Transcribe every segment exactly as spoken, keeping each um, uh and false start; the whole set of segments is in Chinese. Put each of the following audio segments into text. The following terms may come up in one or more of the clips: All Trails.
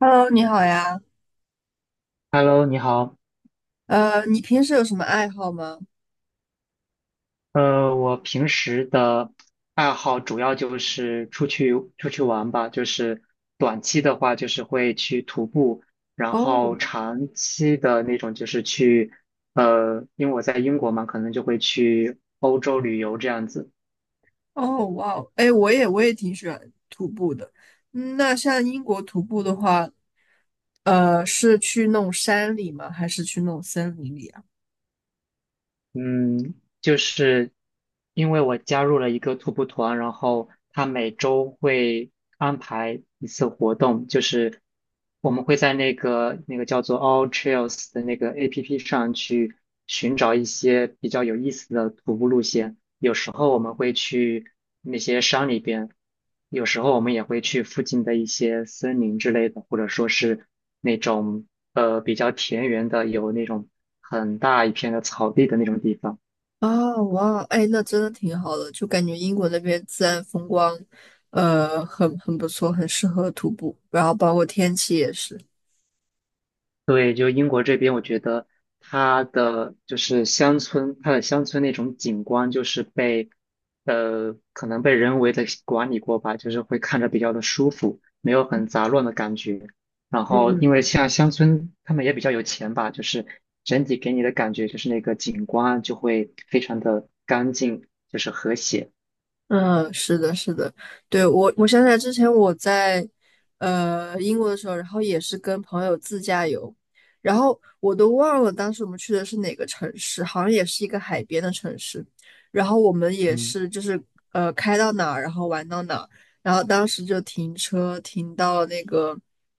Hello，你好呀。Hello，你好。呃，你平时有什么爱好吗？呃，我平时的爱好主要就是出去出去玩吧，就是短期的话就是会去徒步，然哦后长期的那种就是去，呃，因为我在英国嘛，可能就会去欧洲旅游这样子。哦，哇哦，哎，我也我也挺喜欢徒步的。嗯，那像英国徒步的话，呃，是去那种山里吗？还是去那种森林里啊？嗯，就是因为我加入了一个徒步团，然后他每周会安排一次活动，就是我们会在那个那个叫做 All Trails 的那个 A P P 上去寻找一些比较有意思的徒步路线。有时候我们会去那些山里边，有时候我们也会去附近的一些森林之类的，或者说是那种呃比较田园的，有那种很大一片的草地的那种地方。哦，哇，哎，那真的挺好的，就感觉英国那边自然风光，呃，很很不错，很适合徒步，然后包括天气也是。对，就英国这边，我觉得它的就是乡村，它的乡村那种景观，就是被呃可能被人为的管理过吧，就是会看着比较的舒服，没有很杂乱的感觉。然后，因为嗯像乡村，他们也比较有钱吧，就是整体给你的感觉就是那个景观就会非常的干净，就是和谐。嗯，是的，是的，对，我，我想起来之前我在呃英国的时候，然后也是跟朋友自驾游，然后我都忘了当时我们去的是哪个城市，好像也是一个海边的城市，然后我们也嗯，是就是呃开到哪儿，然后玩到哪儿，然后当时就停车停到那个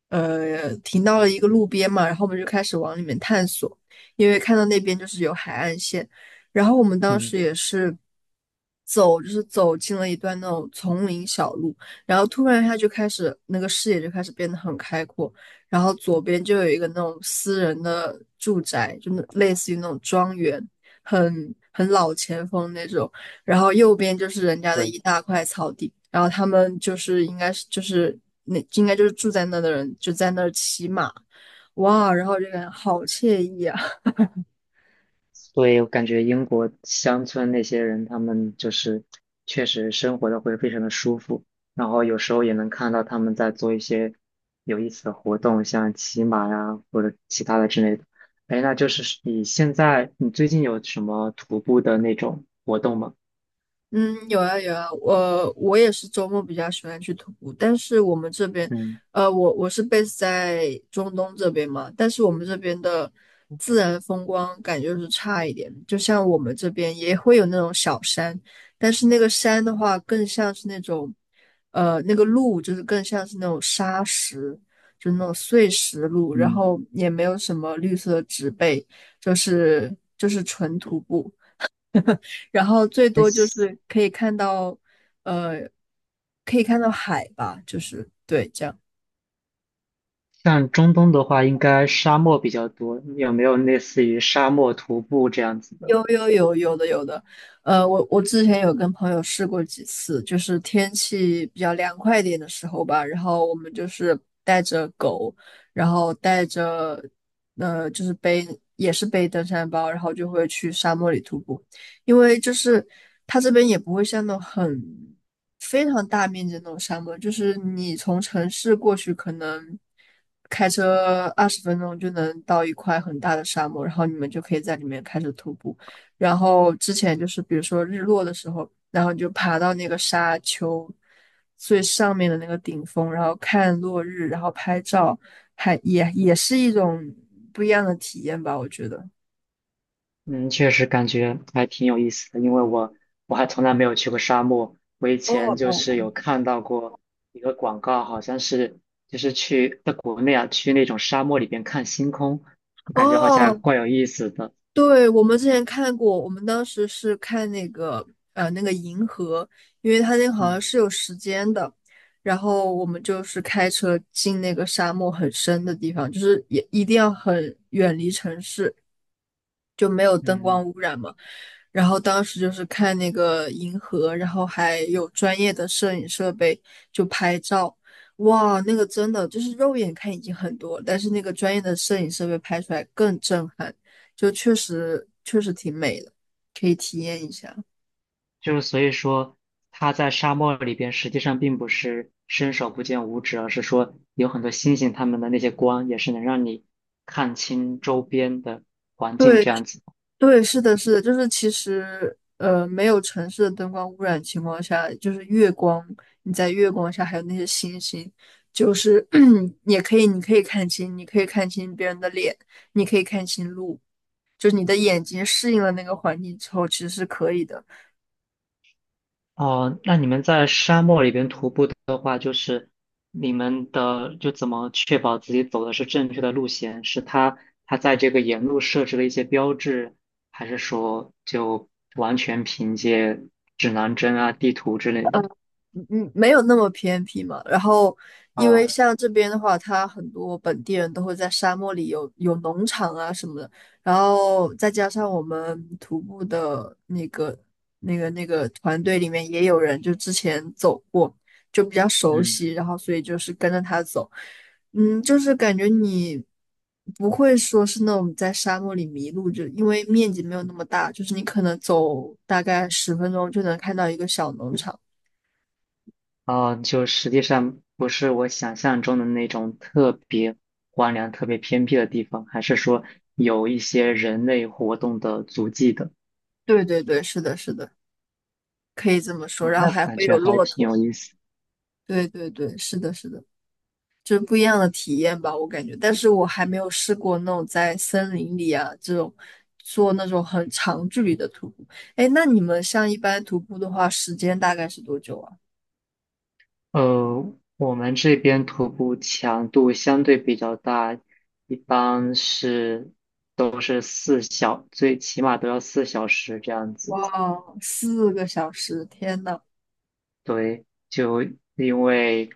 呃停到了一个路边嘛，然后我们就开始往里面探索，因为看到那边就是有海岸线。然后我们当嗯，时也是走，就是走进了一段那种丛林小路，然后突然一下就开始那个视野就开始变得很开阔，然后左边就有一个那种私人的住宅，就那类似于那种庄园，很很老前锋那种，然后右边就是人家的对，一大块草地，然后他们就是应该是就是那应该就是住在那的人就在那儿骑马，哇，然后这就感觉好惬意啊。所以我感觉英国乡村那些人，他们就是确实生活的会非常的舒服，然后有时候也能看到他们在做一些有意思的活动，像骑马呀或者其他的之类的。哎，那就是你现在你最近有什么徒步的那种活动吗？嗯，有啊有啊，我我也是周末比较喜欢去徒步，但是我们这边，嗯呃，我我是 base 在中东这边嘛，但是我们这边的自然风光感觉就是差一点，就像我们这边也会有那种小山，但是那个山的话更像是那种，呃，那个路就是更像是那种沙石，就那种碎石路，然嗯，后也没有什么绿色的植被，就是就是纯徒步。然后最哎，多就是可以看到，呃，可以看到海吧，就是对这样。像中东的话，应该沙漠比较多，有没有类似于沙漠徒步这样子的？有有有有的有的，呃，我我之前有跟朋友试过几次，就是天气比较凉快一点的时候吧，然后我们就是带着狗，然后带着呃就是背也是背登山包，然后就会去沙漠里徒步，因为就是它这边也不会像那种很非常大面积的那种沙漠，就是你从城市过去可能。开车二十分钟就能到一块很大的沙漠，然后你们就可以在里面开始徒步。然后之前就是比如说日落的时候，然后你就爬到那个沙丘最上面的那个顶峰，然后看落日，然后拍照，还也也是一种不一样的体验吧，我觉得。嗯，确实感觉还挺有意思的，因为我我还从来没有去过沙漠。我以哦前就是哦有看到过一个广告，好像是就是去在国内啊，去那种沙漠里边看星空，我感觉好像还哦，怪有意思的。对，我们之前看过，我们当时是看那个呃那个银河，因为它那个好像嗯是有时间的，然后我们就是开车进那个沙漠很深的地方，就是也一定要很远离城市，就没有灯光嗯，污染嘛。然后当时就是看那个银河，然后还有专业的摄影设备就拍照，哇，那个真的就是肉眼看已经很多了，但是那个专业的摄影设备拍出来更震撼，就确实确实挺美的，可以体验一下。就是所以说他在沙漠里边实际上并不是伸手不见五指，而是说有很多星星它们的那些光也是能让你看清周边的环境对，这样子。对，是的，是的，就是其实，呃，没有城市的灯光污染情况下，就是月光，你在月光下还有那些星星，就是 也可以，你可以看清，你可以看清别人的脸，你可以看清路，就是你的眼睛适应了那个环境之后，其实是可以的。哦，那你们在沙漠里边徒步的话，就是你们的就怎么确保自己走的是正确的路线？是他他在这个沿路设置了一些标志，还是说就完全凭借指南针啊、地图之类的？嗯嗯，没有那么偏僻嘛。然后，因为哦，像这边的话，它很多本地人都会在沙漠里有有农场啊什么的。然后再加上我们徒步的那个那个那个团队里面也有人就之前走过，就比较熟嗯悉。然后所以就是跟着他走，嗯，就是感觉你不会说是那种在沙漠里迷路，就因为面积没有那么大，就是你可能走大概十分钟就能看到一个小农场。哦，就实际上不是我想象中的那种特别荒凉、特别偏僻的地方，还是说有一些人类活动的足迹的？对对对，是的，是的，可以这么说。哦，然后那还感会觉有还骆挺驼，有意思。对对对，是的，是的，就是不一样的体验吧，我感觉。但是我还没有试过那种在森林里啊这种做那种很长距离的徒步。哎，那你们像一般徒步的话，时间大概是多久啊？呃，我们这边徒步强度相对比较大，一般是都是四小，最起码都要四小时这样哇，子。四个小时！天呐，对，就因为，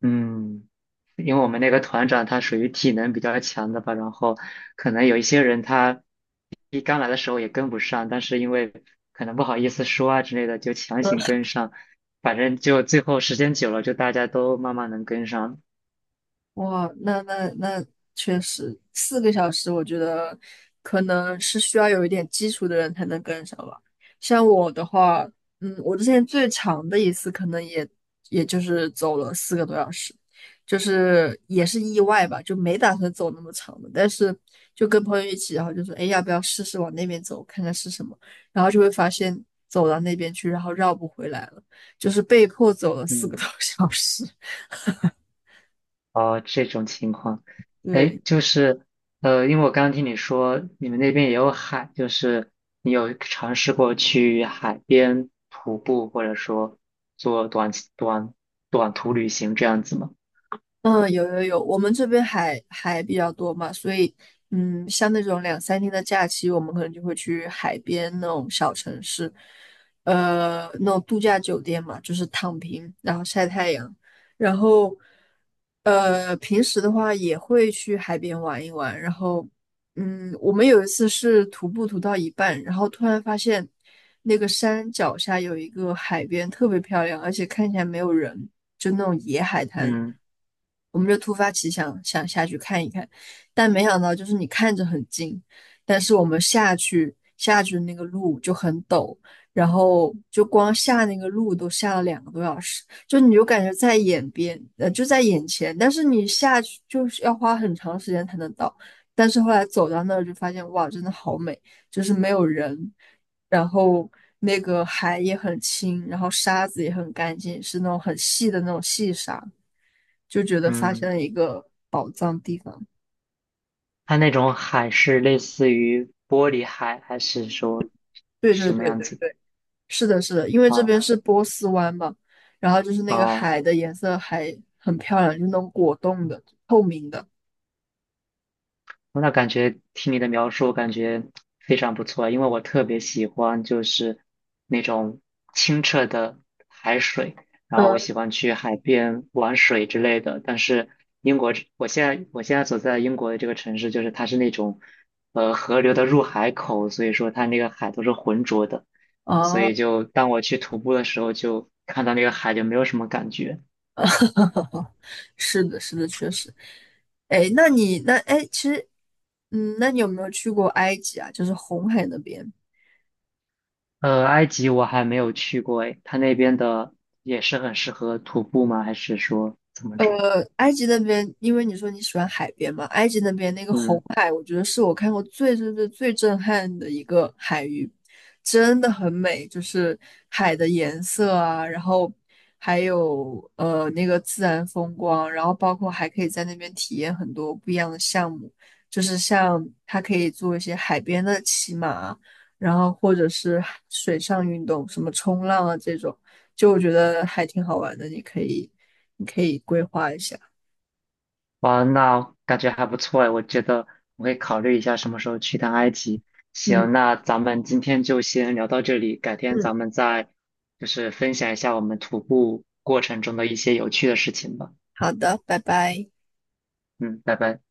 嗯，因为我们那个团长他属于体能比较强的吧，然后可能有一些人他一刚来的时候也跟不上，但是因为可能不好意思说啊之类的，就强行跟上，反正就最后时间久了，就大家都慢慢能跟上。哇，那那那确实，四个小时，我觉得可能是需要有一点基础的人才能跟上吧。像我的话，嗯，我之前最长的一次可能也也就是走了四个多小时，就是也是意外吧，就没打算走那么长的，但是就跟朋友一起，然后就说，哎，要不要试试往那边走，看看是什么？然后就会发现走到那边去，然后绕不回来了，就是被迫走了四个嗯。多小时。哦，这种情况，哎，对。就是，呃，因为我刚刚听你说你们那边也有海，就是你有尝试过去海边徒步，或者说做短短短途旅行这样子吗？嗯，有有有，我们这边海海比较多嘛，所以嗯，像那种两三天的假期，我们可能就会去海边那种小城市，呃，那种度假酒店嘛，就是躺平，然后晒太阳，然后呃，平时的话也会去海边玩一玩，然后嗯，我们有一次是徒步徒到一半，然后突然发现那个山脚下有一个海边，特别漂亮，而且看起来没有人，就那种野海滩。嗯我们就突发奇想，想下去看一看，但没想到就是你看着很近，但是我们下去下去那个路就很陡，然后就光下那个路都下了两个多小时，就你就感觉在眼边，呃，就在眼前，但是你下去就是要花很长时间才能到。但是后来走到那儿就发现，哇，真的好美，就是没有人，然后那个海也很清，然后沙子也很干净，是那种很细的那种细沙，就觉得发嗯，现了一个宝藏地方。它那种海是类似于玻璃海，还是说对对什么对样对子的？对，是的，是的，因为这哦边是波斯湾嘛，然后就是那个哦，海的颜色还很漂亮，就是那种果冻的、透明的。那感觉听你的描述，感觉非常不错，因为我特别喜欢就是那种清澈的海水，然后我嗯，喜欢去海边玩水之类的。但是英国这我现在我现在所在的英国的这个城市，就是它是那种呃河流的入海口，所以说它那个海都是浑浊的，所以哦、就当我去徒步的时候，就看到那个海就没有什么感觉。是的，是的，确实。哎，那你那哎，其实，嗯，那你有没有去过埃及啊？就是红海那边。呃，埃及我还没有去过诶，它那边的也是很适合徒步吗？还是说怎么着？呃，埃及那边，因为你说你喜欢海边嘛，埃及那边那个红嗯，海，我觉得是我看过最最最最震撼的一个海域，真的很美，就是海的颜色啊，然后还有呃那个自然风光，然后包括还可以在那边体验很多不一样的项目，就是像它可以做一些海边的骑马，然后或者是水上运动，什么冲浪啊这种，就我觉得还挺好玩的，你可以。你可以规划一下。哇，那感觉还不错诶，我觉得我会考虑一下什么时候去趟埃及。嗯，行，那咱们今天就先聊到这里，改天嗯，咱们再就是分享一下我们徒步过程中的一些有趣的事情吧。好的，拜拜。嗯，拜拜。